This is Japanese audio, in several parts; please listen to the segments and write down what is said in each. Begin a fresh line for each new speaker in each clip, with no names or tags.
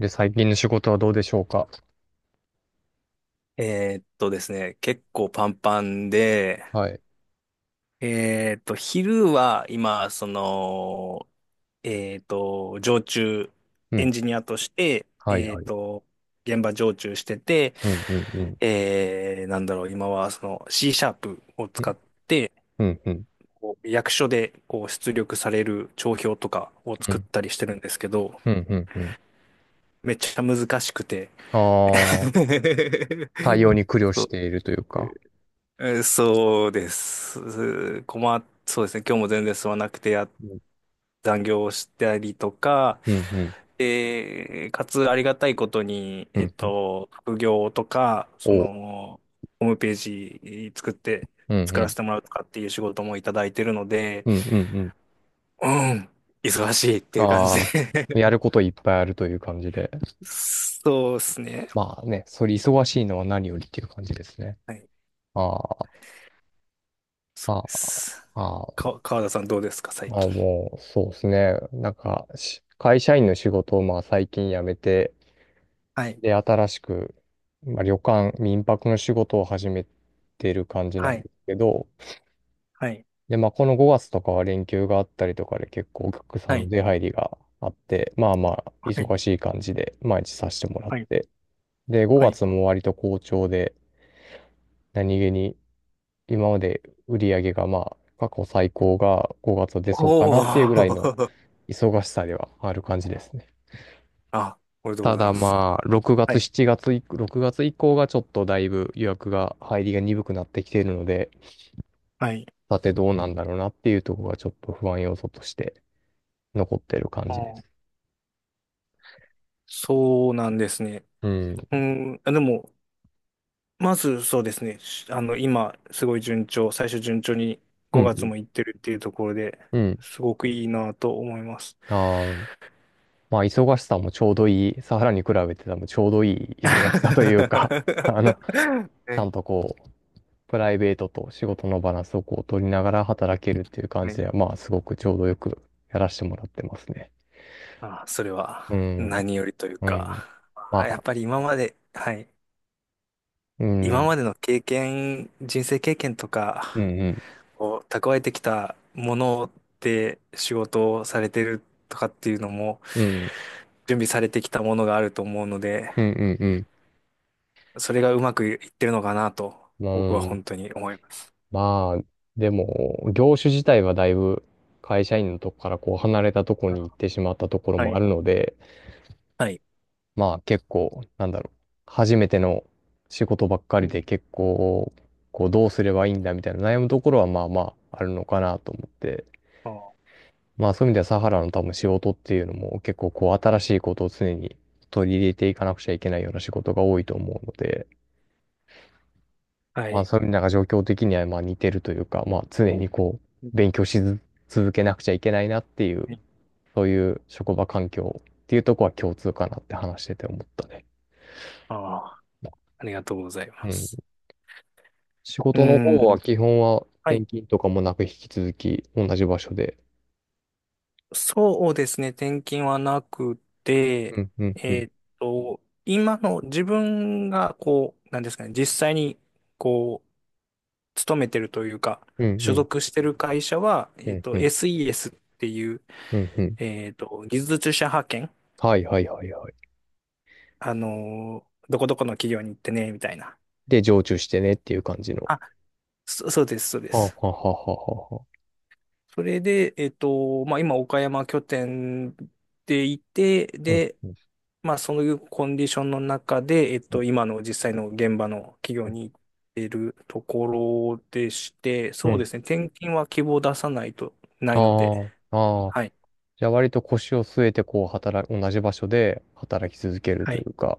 で、最近の仕事はどうでしょうか？
ですね、結構パンパンで。
はい。
昼は今、常駐
う
エン
ん。
ジニアとして、
はいはい。
現場常駐してて、
うん、うん、うん。
なんだろう、今はその C#を
う
使
ん、
って、
うん、うん。
こう役所でこう出力される帳票とかを
う
作っ
ん、
たりしてるんですけど、
うん、うん。うん、
めっちゃ難しくて。
ああ、対応 に苦慮
そ
し
う
ているというか。
えーそうです。うー困っ、そうですね。今日も全然進まなくて
うん、
残業をしたりとか、
うん、うん、
で、かつありがたいことに、
うん。うん、
副業とか、そ
おう。
の、ホームページ
うん、
作
う
らせ
ん、
てもらうとかっていう仕事もいただいてるので、
うん、うん、うん。
うん、忙しいっていう感じ
ああ、
で。
やることいっぱいあるという感じで。
そうですね。
まあね、それ忙しいのは何よりっていう感じですね。
はい、
ああ、
そ
あ
う
あ、
です。
ああ、
川田さんどうですか、最
まあ
近？
もう、そうですね。なんか、し会社員の仕事をまあ最近辞めて、
はい、
で、新しく、まあ、旅館、民泊の仕事を始めてる感じな
は
ん
い、
ですけど、
はい、
で、まあ、この5月とかは連休があったりとかで結構お客さん
は
の
い、
出入りがあって、まあまあ、
はい、
忙しい感じで毎日させてもらっ
はい。
て、で、
は
5
い
月も割と好調で、何気に今まで売り上げがまあ、過去最高が5月は出そうかな
お
っていうぐらいの
ー。
忙しさではある感じですね。
あ、おめでとうご
た
ざい
だ
ます。
まあ、6
は
月、
い。
7月以、6月以降がちょっとだいぶ予約が入りが鈍くなってきているので、
はい。
さてどうなんだろうなっていうところがちょっと不安要素として残ってる感
あ
じで
ー、
す。
そうなんですね。
うん。
うん。あ、でも、まずそうですね。しあの、今、すごい順調、最初順調に
う
5月
ん。
も行ってるっていうところで、
うん。
すごくいいなと思います。
あー、まあ、忙しさもちょうどいい、サハラに比べて多分ちょうどいい忙しさというか あの、ち ゃ
ね、
んとこう、プライベートと仕事のバランスをこう取りながら働けるっていう感じ
ね。
では、まあ、すごくちょうどよくやらせてもらってますね。
まあ、それは
うん。
何よりという
う
か、
ん。
ま
ま
あやっ
あ
ぱり今まで、はい。
うん、う
今
ん、
までの経験、人生経験と
う
か、
ん、
こう蓄えてきたもので仕事をされてるとかっていうのも、
うん、
準備されてきたものがあると思うので、
うん、うん。う
それがうまくいってるのかなと、僕は
ん、
本当に思います。
まあ、でも、業種自体はだいぶ会社員のとこからこう離れたとこ
あ、
に行ってしまったところ
は
もあ
い。
るので、
はい。
まあ結構、なんだろう、初めての仕事ばっか
う
りで
ん、
結構、こうどうすればいいんだみたいな悩むところはまあまああるのかなと思って、
あ、
まあそういう意味ではサハラの多分仕事っていうのも結構こう新しいことを常に取り入れていかなくちゃいけないような仕事が多いと思うので、
は
まあ、
い。
そういうのが状況的にはまあ似てるというか、まあ、常にこ
う
う、勉強しず続けなくちゃいけないなっていう、
ん、
そういう職場環境っていうとこは共通かなって話してて思ったね。
あ、ありがとうござい
う
ま
ん。
す。
仕
う
事の方は
ん。
基本は
は
転
い。
勤とかもなく引き続き同じ場所で。
そうですね。転勤はなく
う
て、
ん、うん、
え
うん。
ーっと、今の自分がこう、なんですかね、実際にこう、勤めてるというか、
うん、う
所
ん、
属してる会社は、
うん、うん、
SES っていう、
うん。うん、
技術者派遣。
はい、はい、はい、はい。
どこどこの企業に行ってね、みたいな。
で、常駐してねっていう感じの。
あ、そうです、そうで
はあ、は
す。
あ、はあ、はあ、はあはあ。
それで、まあ、今、岡山拠点でいて、
うん、
で、
うん、
まあ、そういうコンディションの中で、
うん、
今の実際の現場の企
う
業
ん。
に行ってるところでして、
う
そう
ん、
ですね、転勤は希望出さないと、ないので、
ああ、ああ。
はい。
じゃあ割と腰を据えてこう働く、同じ場所で働き続ける
は
とい
い、
うか、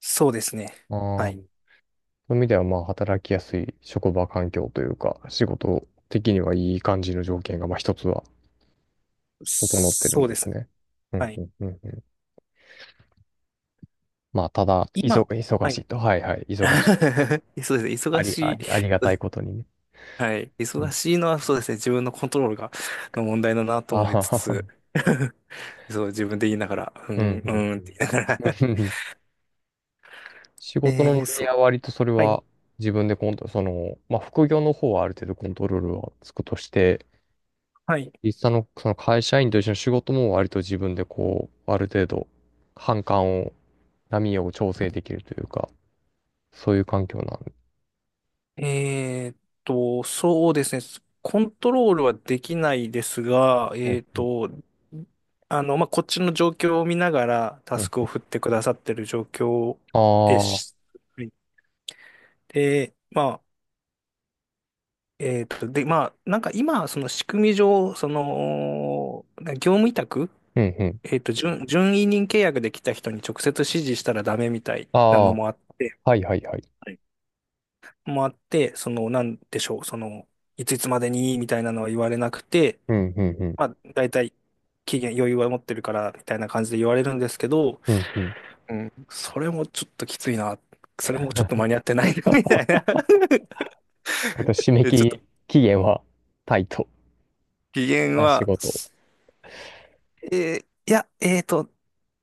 そうですね。
ああ、
は
そう
い。
いう意味ではまあ働きやすい職場環境というか、仕事的にはいい感じの条件がまあ一つは整ってるん
そう
で
で
す
す。
ね。うん
は
う
い。
んうんうん。まあただ、
今、
忙
は
し
い。
いと。はいはい、忙しい。
そうですね。
あ
忙
り、あ
しい。
り、ありが
そう
た
で
い
す、
ことにね。
はい。
う
忙
ん。
しいのはそうですね。自分のコントロールが、の問題だなと
あ
思い
は
つ
は
つ、
は。
そう、自分で言いながら、う
うん
ん、
う
う
ん
んって言いな
うん。
がら。
仕事の合
そう。
は割とそれ
はい。
は自分でコント、その、まあ副業の方はある程度コントロールはつくとして、
はい。
実際のその会社員と一緒の仕事も割と自分でこう、ある程度、反感を、波を調整できるというか、そういう環境なんで。
えーっそうですね。コントロールはできないですが、
うん、うん、
まあ、こっちの状況を見ながらタ
う
ス
ん。
クを振ってくださってる状況で
ああ、
し、はいで、まあ、なんか今、その仕組み上、その、業務委託、
うん、うん。
準委任契約で来た人に直接指示したらダメみたい
あ
な
あ、
のもあって、
はいはいはい。
はい、もあって、その、なんでしょう、その、いついつまでにみたいなのは言われなくて、
うん、うん、うん。
まあ、大体期限余裕は持ってるからみたいな感じで言われるんですけど、
うん、うん。
それもちょっときついな。それもちょっと間に 合ってない みたいな。
割と締め切
ちょっと、
り期限はタイト
期限
な仕
は、
事。
いや、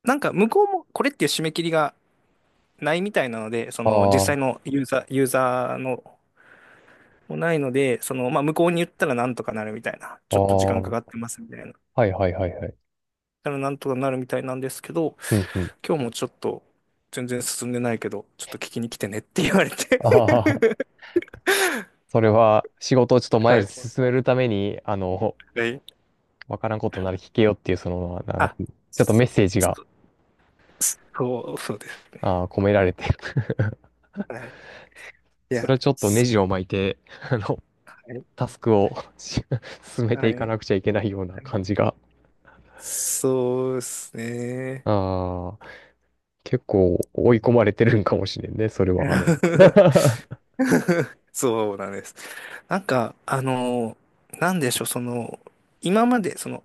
なんか向こうもこれっていう締め切りがないみたいなので、その実
あ
際
あ、
のユーザーのもないので、その、まあ、向こうに言ったらなんとかなるみたいな、
あ
ち
あ、
ょっと時間か
は
かってますみたいな、だか
いはいはいはい。
らなんとかなるみたいなんですけど、
うんうん。
今日もちょっと全然進んでないけど、ちょっと聞きに来てねって言われて。
ああ、それは仕事をちょっと 前
は
へ
い。
進めるために、あの、
はい。
わからんことなら聞けよっていう、その、なんか、
あ、
ちょっとメッ
そう、
セージが、
そそうですね。
ああ、込められて
はい。い
それ
や、
はちょっとネ
そ
ジを巻いて、あの、
う、はい。
タスクを し進めて
は
いか
い。
なくちゃいけないような
はい、
感じが、
そうですね。
ああ、結構追い込まれてるんかもしれんね、それは、あの。
そうなんです。なんか、なんでしょう、その、今まで、その、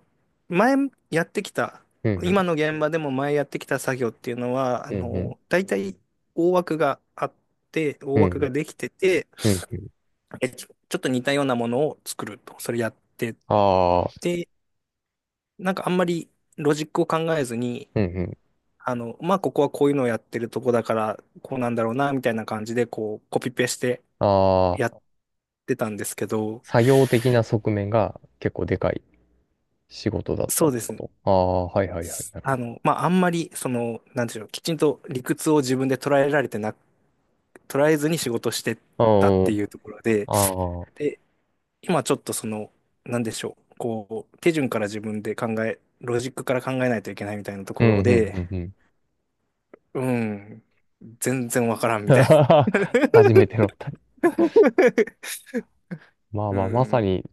前やってきた、
うん
今
う
の現場でも前やってきた作業っていうのは、
ん、うんうん、
大体大枠があっ大
う
枠
んうん、
ができてて、
うんうん。
えちょちょっと似たようなものを作ると、それやって
ああ、
て、なんかあんまりロジックを考えずに、
うんうん。
まあ、ここはこういうのをやってるとこだから、こうなんだろうな、みたいな感じで、こう、コピペして
あ
や
あ、
ってたんですけど、
作業的な側面が結構でかい仕事だった
そ
っ
うで
て
す
こ
ね。
と。ああ、はいはいはい、なるほ
まあ、あんまり、その、なんていうの、きちんと理屈を自分で捉えずに仕事してたっ
ど。
ていうところで、
ああ、ああ、
で、今ちょっとその、なんでしょう、こう、手順から自分で考え、ロジックから考えないといけないみたいなと
う
こ
ん
ろ
うん、
で、
うんうん。
うん、全然わからんみたいな。
初めての。まあ
う
まあ、まさ
ん。
に、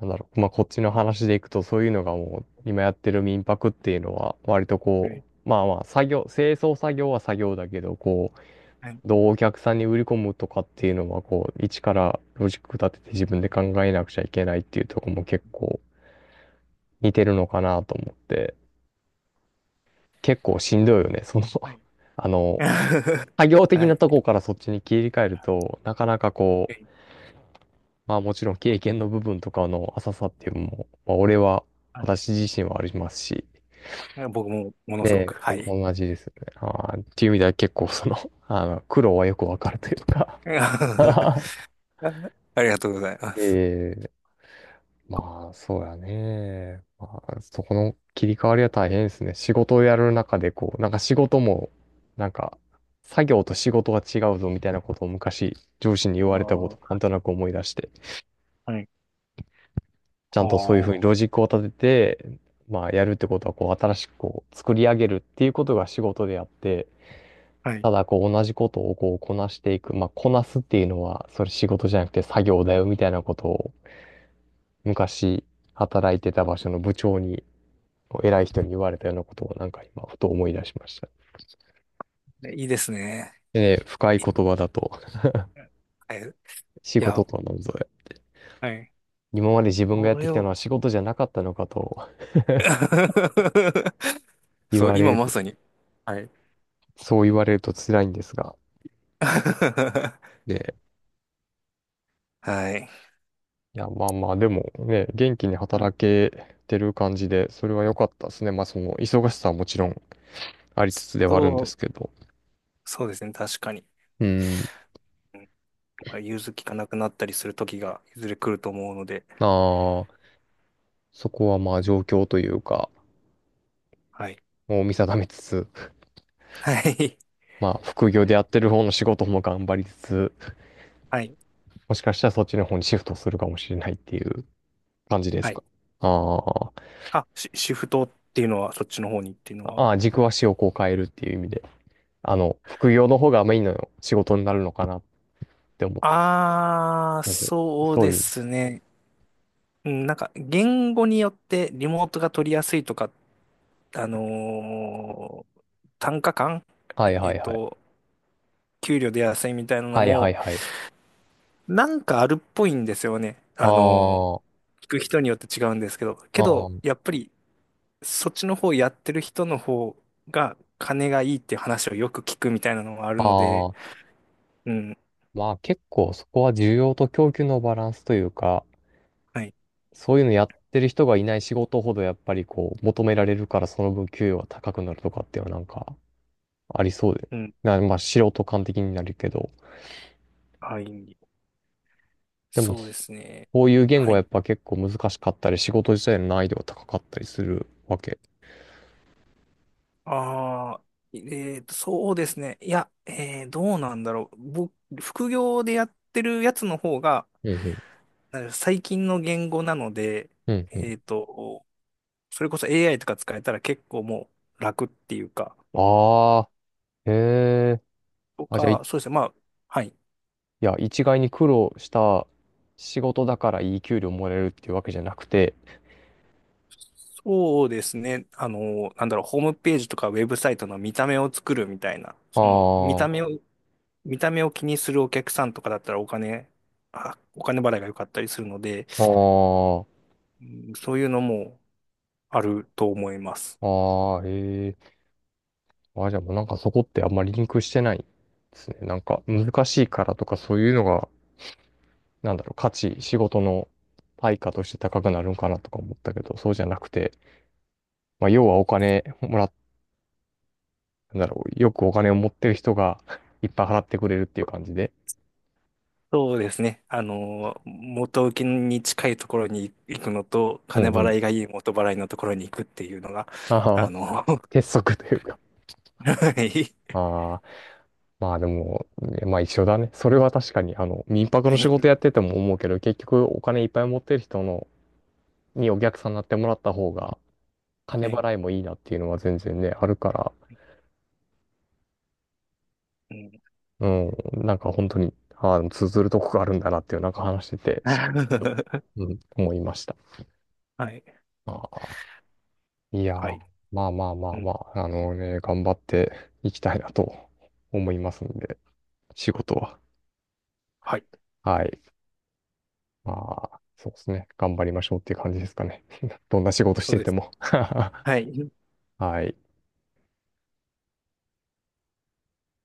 なんだろう、まあこっちの話でいくと、そういうのがもう、今やってる民泊っていうのは、割と
は
こ
い。
う、まあまあ、作業、清掃作業は作業だけど、こう、
はい。
どうお客さんに売り込むとかっていうのは、こう、一からロジック立てて自分で考えなくちゃいけないっていうところも結構似てるのかなと思って、結構しんどいよね、その
はい。
あの、作業的
は
な
い。
とこからそっちに切り替えると、なかなかこう、まあもちろん経験の部分とかの浅さっていうのも、まあ俺は、
はい、
私自身はありますし、
僕もものすごく、
ね
はい。
お同じですよね。あーっていう意味では結構その、あの、苦労はよくわかるというか
あ りがとうございます。
ええ、まあそうやね。まあそこの切り替わりは大変ですね。仕事をやる中でこう、なんか仕事も、なんか、作業と仕事が違うぞみたいなことを昔上司に言われたこと、
あ
なん
ー、
となく思い出して。
はい。
ちゃ
あ
んとそういうふうに
あ、
ロジックを立てて、まあやるってことはこう新しくこう作り上げるっていうことが仕事であって、
はい。
ただこう同じことをこうこなしていく、まあこなすっていうのはそれ仕事じゃなくて作業だよみたいなことを昔働いてた場所の部長にこう偉い人に言われたようなことをなんか今ふと思い出しました。
ね、いいですね。
でね、深い言葉だと
はい。い
仕
や、
事とは何ぞや。
はい。
今まで自分がやっ
こ
て
れ
きたの
を。
は仕事じゃなかったのかと 言
そう、
われ
今ま
る、
さに。はい。
そう言われると辛いんですが。
は
で、
い。
いや、まあまあ、でもね、元気に
はい、
働けてる感じで、それは良かったですね。まあ、その、忙しさはもちろんありつつではあるんで
そう、
すけど。
そうですね。確かに。
うん。
まあ融通きかなくなったりする時がいずれ来ると思うので。
ああ、そこはまあ、状況というか、
はい。
もう見定めつつ、
はい。
まあ、副業でやってる方の仕事も頑張りつつ、
はい。
もしかしたらそっちの方にシフトするかもしれないっていう感じで
は
す
い。
か。ああ、
あ、シフトっていうのは、そっちの方にっていうのは。
ああ、軸足をこう変えるっていう意味で、あの、副業の方がメインの仕事になるのかなって思った。
ああ、
そうそう、
そう
そう
で
いう意味。
すね。うん、なんか言語によってリモートが取りやすいとか、あのー単価感、
はい
え
は
っ
いはい。
と、給料出やすいみたいなの
はいは
も、
いはい。
なんかあるっぽいんですよね。
あー、
聞く人によって違うんですけど、け
あ
ど、
ー、
やっぱりそっちの方やってる人の方が金がいいっていう話をよく聞くみたいなのがあるの
あ
で、
ー。
うん、
まあ結構そこは需要と供給のバランスというか、
はい、
そういうのやってる人がいない仕事ほどやっぱりこう求められるからその分給与が高くなるとかっていうのはなんかありそうで。
うん、
まあ素人感的になるけど、
はい、
でも
そうですね。
そういう言語
は
はや
い。
っぱ結構難しかったり仕事自体の難易度が高かったりするわけ。
ああ、えそうですね。いや、どうなんだろう。僕、副業でやってるやつの方が、
うんうん。
なんか最近の言語なので、
うんうん。
えーと、それこそ AI とか使えたら結構もう楽っていうか、
ああ、へえ。
と
あ、じゃあ、
か、そうですね。まあ、はい。
いや、一概に苦労した仕事だからいい給料もらえるっていうわけじゃなくて、
そうですね。なんだろう、ホームページとかウェブサイトの見た目を作るみたいな、
あ
その、見た
あ、
目を、見た目を気にするお客さんとかだったらお金払いが良かったりするので、
ああ、
うん、そういうのも、あると思います。
ああ、ええ、あ、じゃあもうなんかそこってあんまりリンクしてないですね。なんか難しいからとかそういうのが、なんだろう、価値、仕事の対価として高くなるんかなとか思ったけど、そうじゃなくて、まあ、要はお金もらっ、なんだろう、よくお金を持ってる人が いっぱい払ってくれるっていう感じで。
そうですね。元請けに近いところに行くのと、
う
金
んうん。
払いがいい元払いのところに行くっていうのが、
あ
あ
あ、
の、は
鉄則というか。
い。
ああ。まあでも、ねまあ一緒だね。それは確かに、あの、民泊
は
の仕事
い。
やってても思うけど、結局お金いっぱい持ってる人の、にお客さんになってもらった方が、金
はい。
払いもいいなっていうのは全然ね、あるから、
うん。
うん、なんか本当に、ああ、通ずるとこがあるんだなっていう、なんか話してて、し、 うん、思いました。
はい。
ああ、いや
は
ー、
い。
まあまあまあ
う
ま
ん。
あ、あのね、頑張っていきたいなと思いますんで、仕事は。
はい。
はい。まあ、そうですね。頑張りましょうっていう感じですかね。どんな仕事し
そう
て
で
て
す。
も
はい。
はい。